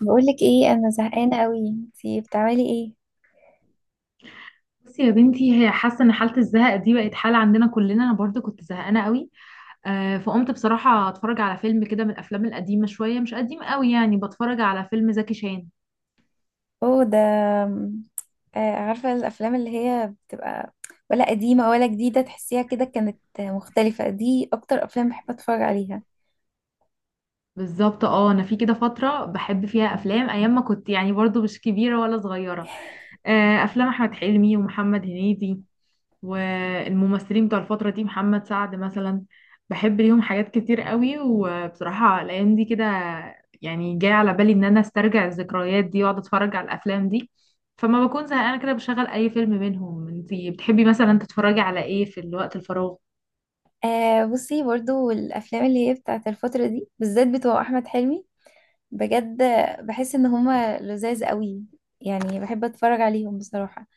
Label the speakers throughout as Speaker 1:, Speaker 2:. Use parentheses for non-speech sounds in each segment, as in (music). Speaker 1: بقولك ايه، انا زهقانه قوي. انتي بتعملي ايه؟
Speaker 2: بصي يا بنتي، هي حاسه ان حاله الزهق دي بقت حاله عندنا كلنا. انا برضو كنت زهقانه قوي. فقمت بصراحه اتفرج على فيلم كده من الافلام القديمه شويه، مش قديم قوي يعني، بتفرج على فيلم زكي شان.
Speaker 1: اوه ده. آم، عارفه الافلام اللي هي بتبقى ولا قديمه ولا جديده، تحسيها كده كانت مختلفه؟ دي اكتر افلام بحب اتفرج عليها.
Speaker 2: بالظبط، اه انا في كده فتره بحب فيها افلام ايام ما كنت يعني برضو مش كبيره ولا صغيره. افلام احمد حلمي ومحمد هنيدي، والممثلين بتوع الفترة دي محمد سعد مثلا. بحب ليهم حاجات كتير قوي، وبصراحة الأيام دي كده يعني جاي على بالي إن أنا أسترجع الذكريات دي وأقعد أتفرج على الأفلام دي، فما بكون زهقانة كده بشغل أي فيلم منهم. انتي بتحبي مثلا تتفرجي على إيه في الوقت الفراغ؟
Speaker 1: آه، بصي، برضو الافلام اللي هي بتاعت الفتره دي بالذات بتوع احمد حلمي، بجد بحس ان هما لذاذ قوي، يعني بحب اتفرج عليهم بصراحه.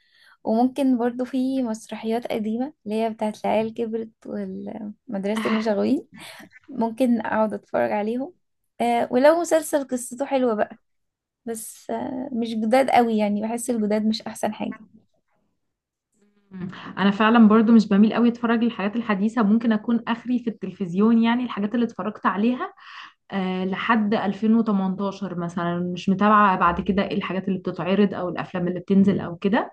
Speaker 1: وممكن برضو في مسرحيات قديمه اللي هي بتاعت العيال كبرت والمدرسه المشاغبين، ممكن اقعد اتفرج عليهم. آه، ولو مسلسل قصته حلوة بقى، بس آه مش جداد قوي، يعني بحس الجداد مش احسن حاجة.
Speaker 2: مم. انا فعلا برضو مش بميل قوي اتفرج للحاجات الحديثه، ممكن اكون اخري في التلفزيون يعني الحاجات اللي اتفرجت عليها لحد 2018 مثلا. مش متابعة بعد كده ايه الحاجات اللي بتتعرض او الافلام اللي بتنزل او كده،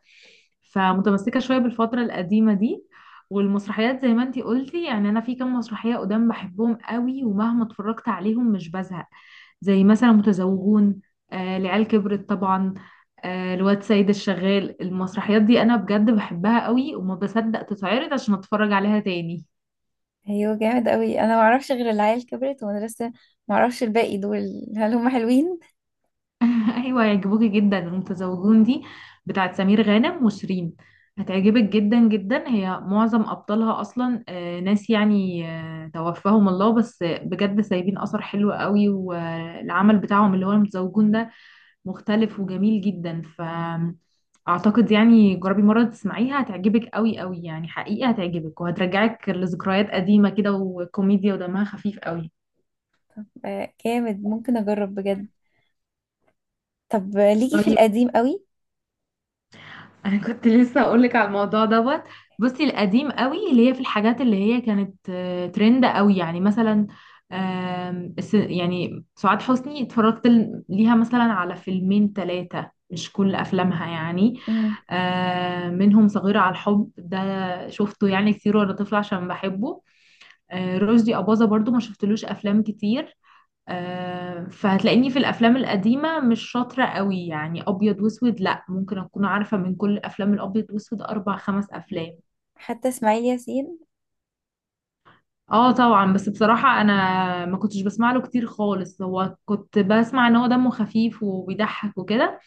Speaker 2: فمتمسكة شوية بالفترة القديمة دي. والمسرحيات زي ما انتي قلتي، يعني انا في كام مسرحية قدام بحبهم قوي ومهما اتفرجت عليهم مش بزهق، زي مثلا متزوجون، العيال كبرت طبعا، الواد سيد الشغال. المسرحيات دي انا بجد بحبها قوي، وما بصدق تتعرض عشان اتفرج عليها تاني.
Speaker 1: ايوه جامد قوي، انا ما اعرفش غير العيال كبرت ومدرسة، ما اعرفش الباقي دول هل هم حلوين.
Speaker 2: (laughs) ايوه هيعجبوكي جدا. المتزوجون دي بتاعت سمير غانم وشيرين، هتعجبك جدا جدا. هي معظم ابطالها اصلا ناس يعني توفاهم الله، بس بجد سايبين اثر حلو قوي. والعمل بتاعهم اللي هو المتزوجون ده مختلف وجميل جدا، فاعتقد يعني جربي مره تسمعيها، هتعجبك قوي قوي يعني، حقيقه هتعجبك وهترجعك لذكريات قديمه كده، وكوميديا ودمها خفيف قوي.
Speaker 1: آه جامد، ممكن اجرب بجد. طب ليكي في
Speaker 2: طيب،
Speaker 1: القديم قوي؟
Speaker 2: انا كنت لسه اقولك على الموضوع دوت. بصي، القديم قوي اللي هي في الحاجات اللي هي كانت ترند قوي، يعني مثلا يعني سعاد حسني اتفرجت ليها مثلا على فيلمين ثلاثة، مش كل افلامها يعني.
Speaker 1: امم.
Speaker 2: منهم صغيرة على الحب، ده شفته يعني كتير وانا طفلة عشان بحبه. رشدي أباظة برضو ما شفتلوش افلام كتير. فهتلاقيني في الافلام القديمه مش شاطره قوي يعني. ابيض واسود لا، ممكن اكون عارفه من كل الافلام الابيض واسود اربع خمس افلام.
Speaker 1: حتى اسماعيل ياسين.
Speaker 2: اه طبعا، بس بصراحه انا ما كنتش بسمع له كتير خالص. هو كنت بسمع ان هو دمه خفيف وبيضحك وكده،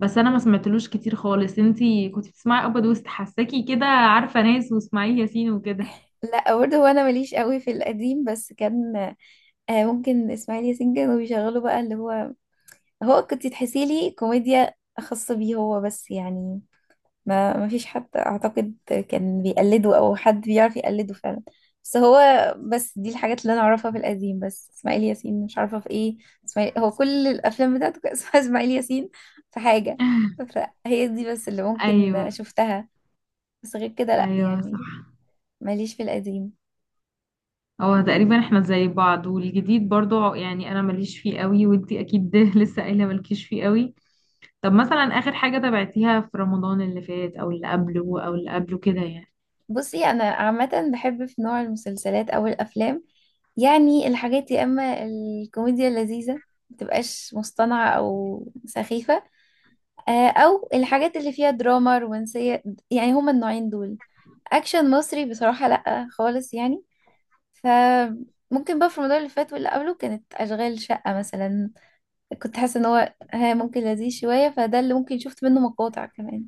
Speaker 2: بس انا ما سمعتلوش كتير خالص. انتي كنت بتسمعي ابيض واسود؟ حساكي كده عارفه ناس واسماعيل ياسين وكده.
Speaker 1: لا برضه، هو انا ماليش قوي في القديم، بس كان آه ممكن اسماعيل ياسين كانوا بيشغلوا بقى اللي هو، هو كنت تحسي لي كوميديا خاصة بيه هو بس، يعني ما فيش حد اعتقد كان بيقلده او حد بيعرف يقلده فعلا. بس هو، بس دي الحاجات اللي انا اعرفها في القديم، بس اسماعيل ياسين مش عارفه في ايه. اسماعيل هو كل الافلام بتاعته كان اسمها (laughs) اسماعيل ياسين في حاجه.
Speaker 2: (laughs)
Speaker 1: فهي دي بس اللي ممكن
Speaker 2: ايوه.
Speaker 1: شفتها، بس غير كده لا
Speaker 2: ايوه صح،
Speaker 1: يعني، ماليش في القديم.
Speaker 2: هو تقريبا احنا زي بعض، والجديد برضو يعني انا ماليش فيه قوي، وانتي اكيد (laughs) ده لسه قايله مالكيش فيه قوي. طب مثلا اخر حاجه تابعتيها في رمضان اللي فات او اللي قبله او اللي قبله كده يعني؟
Speaker 1: بصي انا عامه بحب في نوع المسلسلات او الافلام، يعني الحاجات يا اما الكوميديا اللذيذه، متبقاش مصطنعه او سخيفه، او الحاجات اللي فيها دراما رومانسية، يعني هما النوعين دول. اكشن مصري بصراحة لا خالص يعني. فممكن بقى في رمضان اللي فات واللي قبله كانت اشغال شقة مثلا، كنت حاسة ان هو ها ممكن لذيذ شوية، فده اللي ممكن شفت منه مقاطع كمان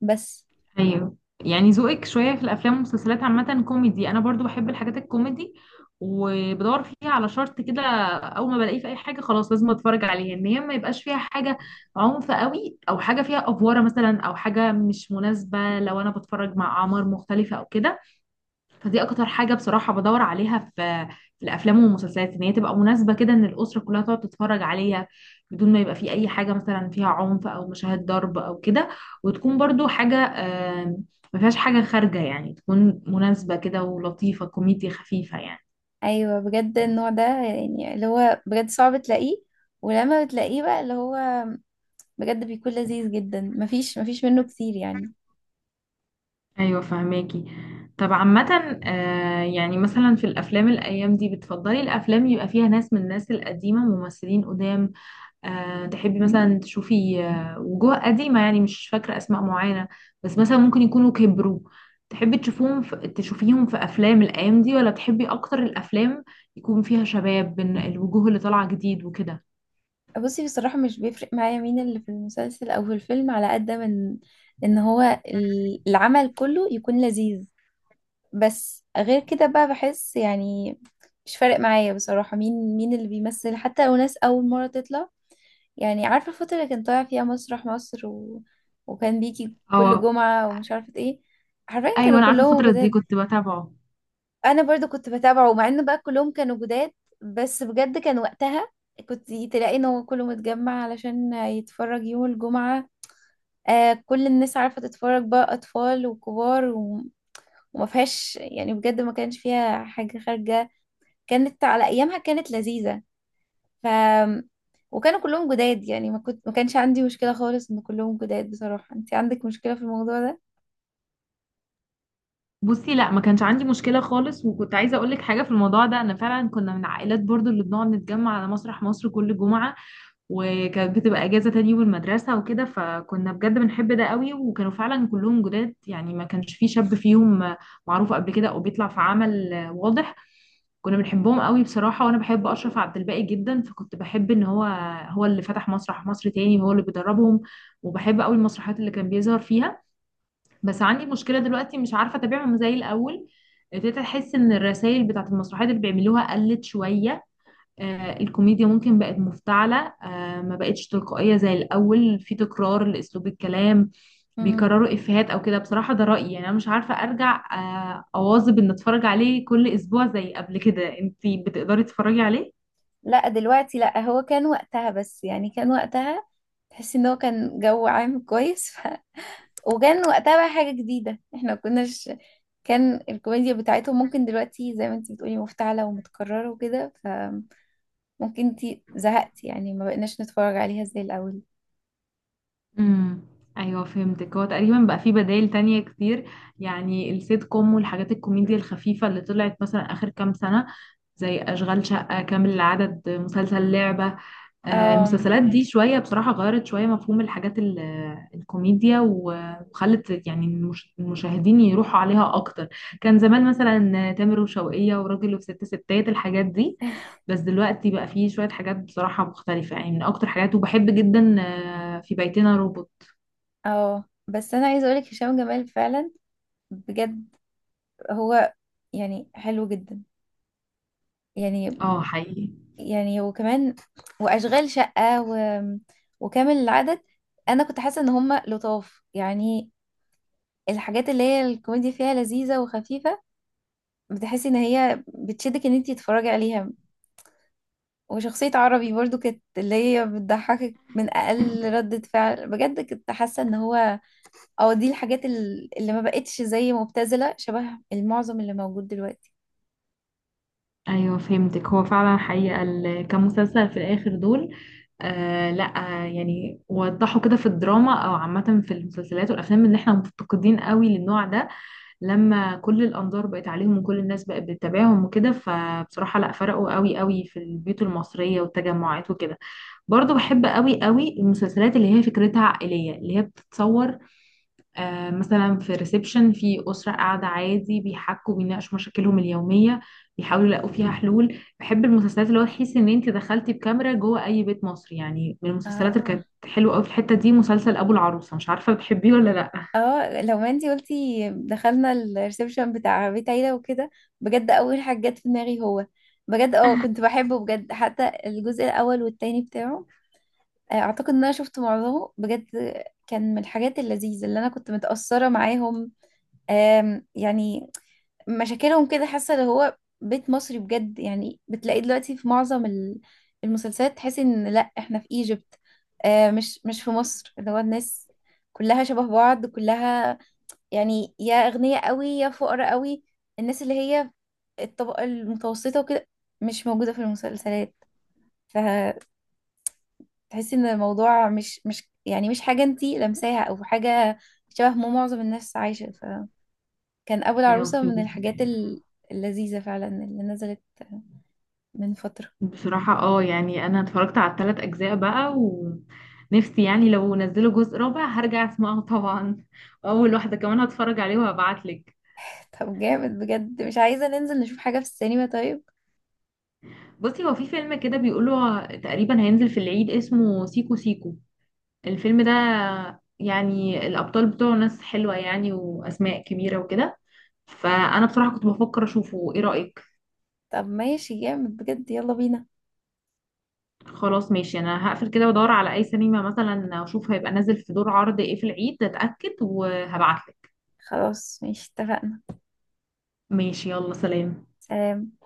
Speaker 1: بس.
Speaker 2: ايوه، يعني ذوقك شويه في الافلام والمسلسلات عامه كوميدي. انا برضو بحب الحاجات الكوميدي، وبدور فيها على شرط كده: اول ما بلاقيه في اي حاجه خلاص لازم اتفرج عليها، ان هي ما يبقاش فيها حاجه عنف قوي او حاجه فيها افوره مثلا، او حاجه مش مناسبه لو انا بتفرج مع اعمار مختلفه او كده. فدي اكتر حاجة بصراحة بدور عليها في في الافلام والمسلسلات، ان هي تبقى مناسبة كده ان الاسرة كلها تقعد تتفرج عليها، بدون ما يبقى في اي حاجة مثلا فيها عنف او مشاهد ضرب او كده. وتكون برضو حاجة ما فيهاش حاجة خارجة، يعني تكون مناسبة كده ولطيفة، كوميديا خفيفة يعني.
Speaker 1: ايوه بجد النوع ده يعني اللي هو بجد صعب تلاقيه، ولما بتلاقيه بقى اللي هو بجد بيكون لذيذ جدا. مفيش منه كتير يعني.
Speaker 2: ايوه فهماكي. طب عامة يعني مثلا في الافلام الايام دي، بتفضلي الافلام يبقى فيها ناس من الناس القديمة، ممثلين قدام، تحبي مثلا تشوفي وجوه قديمة، يعني مش فاكرة أسماء معينة بس مثلا ممكن يكونوا كبروا، تحبي تشوفوهم في تشوفيهم في أفلام الأيام دي؟ ولا بتحبي أكتر الأفلام يكون فيها شباب بين الوجوه اللي طالعة جديد وكده؟
Speaker 1: بصي بصراحة مش بيفرق معايا مين اللي في المسلسل أو في الفيلم، على قد من إن هو العمل كله يكون لذيذ. بس غير كده بقى بحس يعني مش فارق معايا بصراحة مين اللي بيمثل، حتى لو ناس أول مرة تطلع. يعني عارفة الفترة اللي كان طالع فيها مسرح مصر وكان بيجي كل
Speaker 2: اه،
Speaker 1: جمعة ومش عارفة إيه؟ حرفيا
Speaker 2: أيوة
Speaker 1: كانوا
Speaker 2: أنا عارفة
Speaker 1: كلهم
Speaker 2: الفترة دي،
Speaker 1: جداد.
Speaker 2: كنت بتابعه.
Speaker 1: انا برضو كنت بتابعه مع انه بقى كلهم كانوا جداد، بس بجد كان وقتها كنت تلاقي ان هو كله متجمع علشان يتفرج يوم الجمعة. آه، كل الناس عارفة تتفرج بقى، اطفال وكبار وما فيهاش يعني، بجد ما كانش فيها حاجة خارجة، كانت على ايامها كانت لذيذة. ف وكانوا كلهم جداد، يعني ما كانش عندي مشكلة خالص ان كلهم جداد. بصراحة انت عندك مشكلة في الموضوع
Speaker 2: بصي، لا ما كانش عندي مشكلة خالص، وكنت عايزة أقولك حاجة في الموضوع ده. أنا فعلا كنا من عائلات برضو اللي بنقعد نتجمع على مسرح مصر كل جمعة، وكانت بتبقى اجازه تاني يوم المدرسه وكده، فكنا بجد بنحب ده قوي. وكانوا فعلا كلهم جداد يعني ما كانش في شاب فيهم معروف قبل كده او بيطلع في عمل واضح. كنا بنحبهم قوي بصراحه، وانا بحب اشرف عبد الباقي جدا، فكنت بحب ان هو، هو اللي فتح مسرح مصر تاني، هو اللي بيدربهم، وبحب قوي المسرحيات اللي كان بيظهر فيها. بس عندي مشكله دلوقتي مش عارفه اتابعهم زي الاول. ابتديت احس ان الرسائل بتاعت المسرحيات اللي بيعملوها قلت شويه، الكوميديا ممكن بقت مفتعلة، ما بقتش تلقائية زي الأول، في تكرار لأسلوب الكلام،
Speaker 1: ده؟
Speaker 2: بيكرروا إفيهات أو كده. بصراحة ده رأيي، يعني أنا مش عارفة أرجع أواظب إن أتفرج عليه كل أسبوع زي قبل كده. أنتي بتقدري تتفرجي عليه؟
Speaker 1: لا دلوقتي لا، هو كان وقتها، بس يعني كان وقتها تحس ان هو كان جو عام كويس (laughs) وكان وقتها بقى حاجة جديدة احنا ما كناش، كان الكوميديا بتاعتهم ممكن دلوقتي زي ما انت بتقولي مفتعلة ومتكررة وكده، فممكن انت زهقتي، يعني ما بقناش نتفرج عليها زي الأول.
Speaker 2: امم ايوه فهمتك. هو تقريبا بقى في بدائل تانية كتير، يعني السيت كوم والحاجات الكوميديا الخفيفة اللي طلعت مثلا آخر كام سنة، زي أشغال شقة، كامل العدد، مسلسل لعبة،
Speaker 1: أم...
Speaker 2: المسلسلات دي شوية بصراحة غيرت شوية مفهوم الحاجات الكوميديا وخلت يعني المشاهدين يروحوا عليها أكتر. كان زمان مثلا تامر وشوقية وراجل وست ستات الحاجات دي،
Speaker 1: (laughs)
Speaker 2: بس دلوقتي بقى فيه شوية حاجات بصراحة مختلفة يعني. من أكتر حاجات وبحب جدا في بيتنا روبوت.
Speaker 1: اه بس انا عايزه اقولك هشام جمال فعلا بجد هو، يعني حلو جدا يعني،
Speaker 2: اه حقيقي.
Speaker 1: يعني وكمان واشغال شقه وكامل العدد، انا كنت حاسه ان هم لطاف يعني. الحاجات اللي هي الكوميديا فيها لذيذه وخفيفه، بتحسي ان هي بتشدك ان انتي تتفرجي عليها. وشخصيه عربي برضو كانت اللي هي بتضحكك من اقل ردة فعل، بجد كنت حاسه ان هو اه دي الحاجات اللي ما بقتش زي مبتذله شبه المعظم اللي موجود دلوقتي.
Speaker 2: ايوه فهمتك، هو فعلا حقيقة كمسلسل في الاخر دول، آه لا آه يعني وضحوا كده في الدراما او عامة في المسلسلات والافلام ان احنا مفتقدين قوي للنوع ده. لما كل الانظار بقت عليهم وكل الناس بقت بتتابعهم وكده، فبصراحة لا، فرقوا قوي قوي في البيوت المصرية والتجمعات وكده. برضو بحب قوي قوي المسلسلات اللي هي فكرتها عائلية، اللي هي بتتصور مثلا في ريسبشن، في أسرة قاعدة عادي بيحكوا بيناقشوا مشاكلهم اليومية، بيحاولوا يلاقوا فيها حلول. بحب المسلسلات اللي هو تحسي ان انت دخلتي بكاميرا جوه اي بيت مصري يعني. من المسلسلات اللي
Speaker 1: اه.
Speaker 2: كانت حلوة قوي في الحتة دي مسلسل ابو العروسة، مش عارفة بتحبيه ولا لا؟
Speaker 1: اه لو ما انتي قلتي دخلنا الريسبشن بتاع بيت عيلة وكده، بجد اول حاجة جت في دماغي هو بجد اه، كنت بحبه بجد، حتى الجزء الاول والتاني بتاعه. اعتقد ان انا شفت معظمه بجد، كان من الحاجات اللذيذة اللي انا كنت متأثرة معاهم. يعني مشاكلهم كده حاسة اللي هو بيت مصري بجد، يعني بتلاقيه دلوقتي في معظم المسلسلات تحسي ان لا احنا في ايجيبت، مش في مصر. اللي هو الناس كلها شبه بعض كلها، يعني يا أغنياء قوي يا فقراء قوي. الناس اللي هي الطبقة المتوسطة وكده مش موجودة في المسلسلات، فتحسي ان الموضوع مش يعني مش حاجة انتي لمساها او حاجة شبه ما معظم الناس عايشة. فكان أبو
Speaker 2: ايوه
Speaker 1: العروسة من
Speaker 2: فهمت.
Speaker 1: الحاجات اللذيذة فعلا اللي نزلت من فترة.
Speaker 2: بصراحة اه، يعني انا اتفرجت على الثلاث اجزاء بقى، ونفسي يعني لو نزلوا جزء رابع هرجع اسمعه (laughs) طبعا، واول واحدة كمان هتفرج عليه وهبعتلك.
Speaker 1: (laughs) طب جامد بجد، مش عايزة ننزل نشوف حاجة في السينما؟ طيب،
Speaker 2: بصي، هو في فيلم كده بيقولوا تقريبا هينزل في العيد اسمه سيكو سيكو. الفيلم ده يعني الأبطال بتوعه ناس حلوة يعني، وأسماء كبيرة وكده، فأنا بصراحة كنت بفكر أشوفه. إيه رأيك؟
Speaker 1: طب ماشي جامد بجد، يلا بينا.
Speaker 2: خلاص ماشي، أنا هقفل كده وأدور على أي سينما مثلا أشوف هيبقى نازل في دور عرض إيه في العيد، أتأكد وهبعتلك.
Speaker 1: خلاص ماشي اتفقنا.
Speaker 2: ماشي، يلا سلام.
Speaker 1: سلام.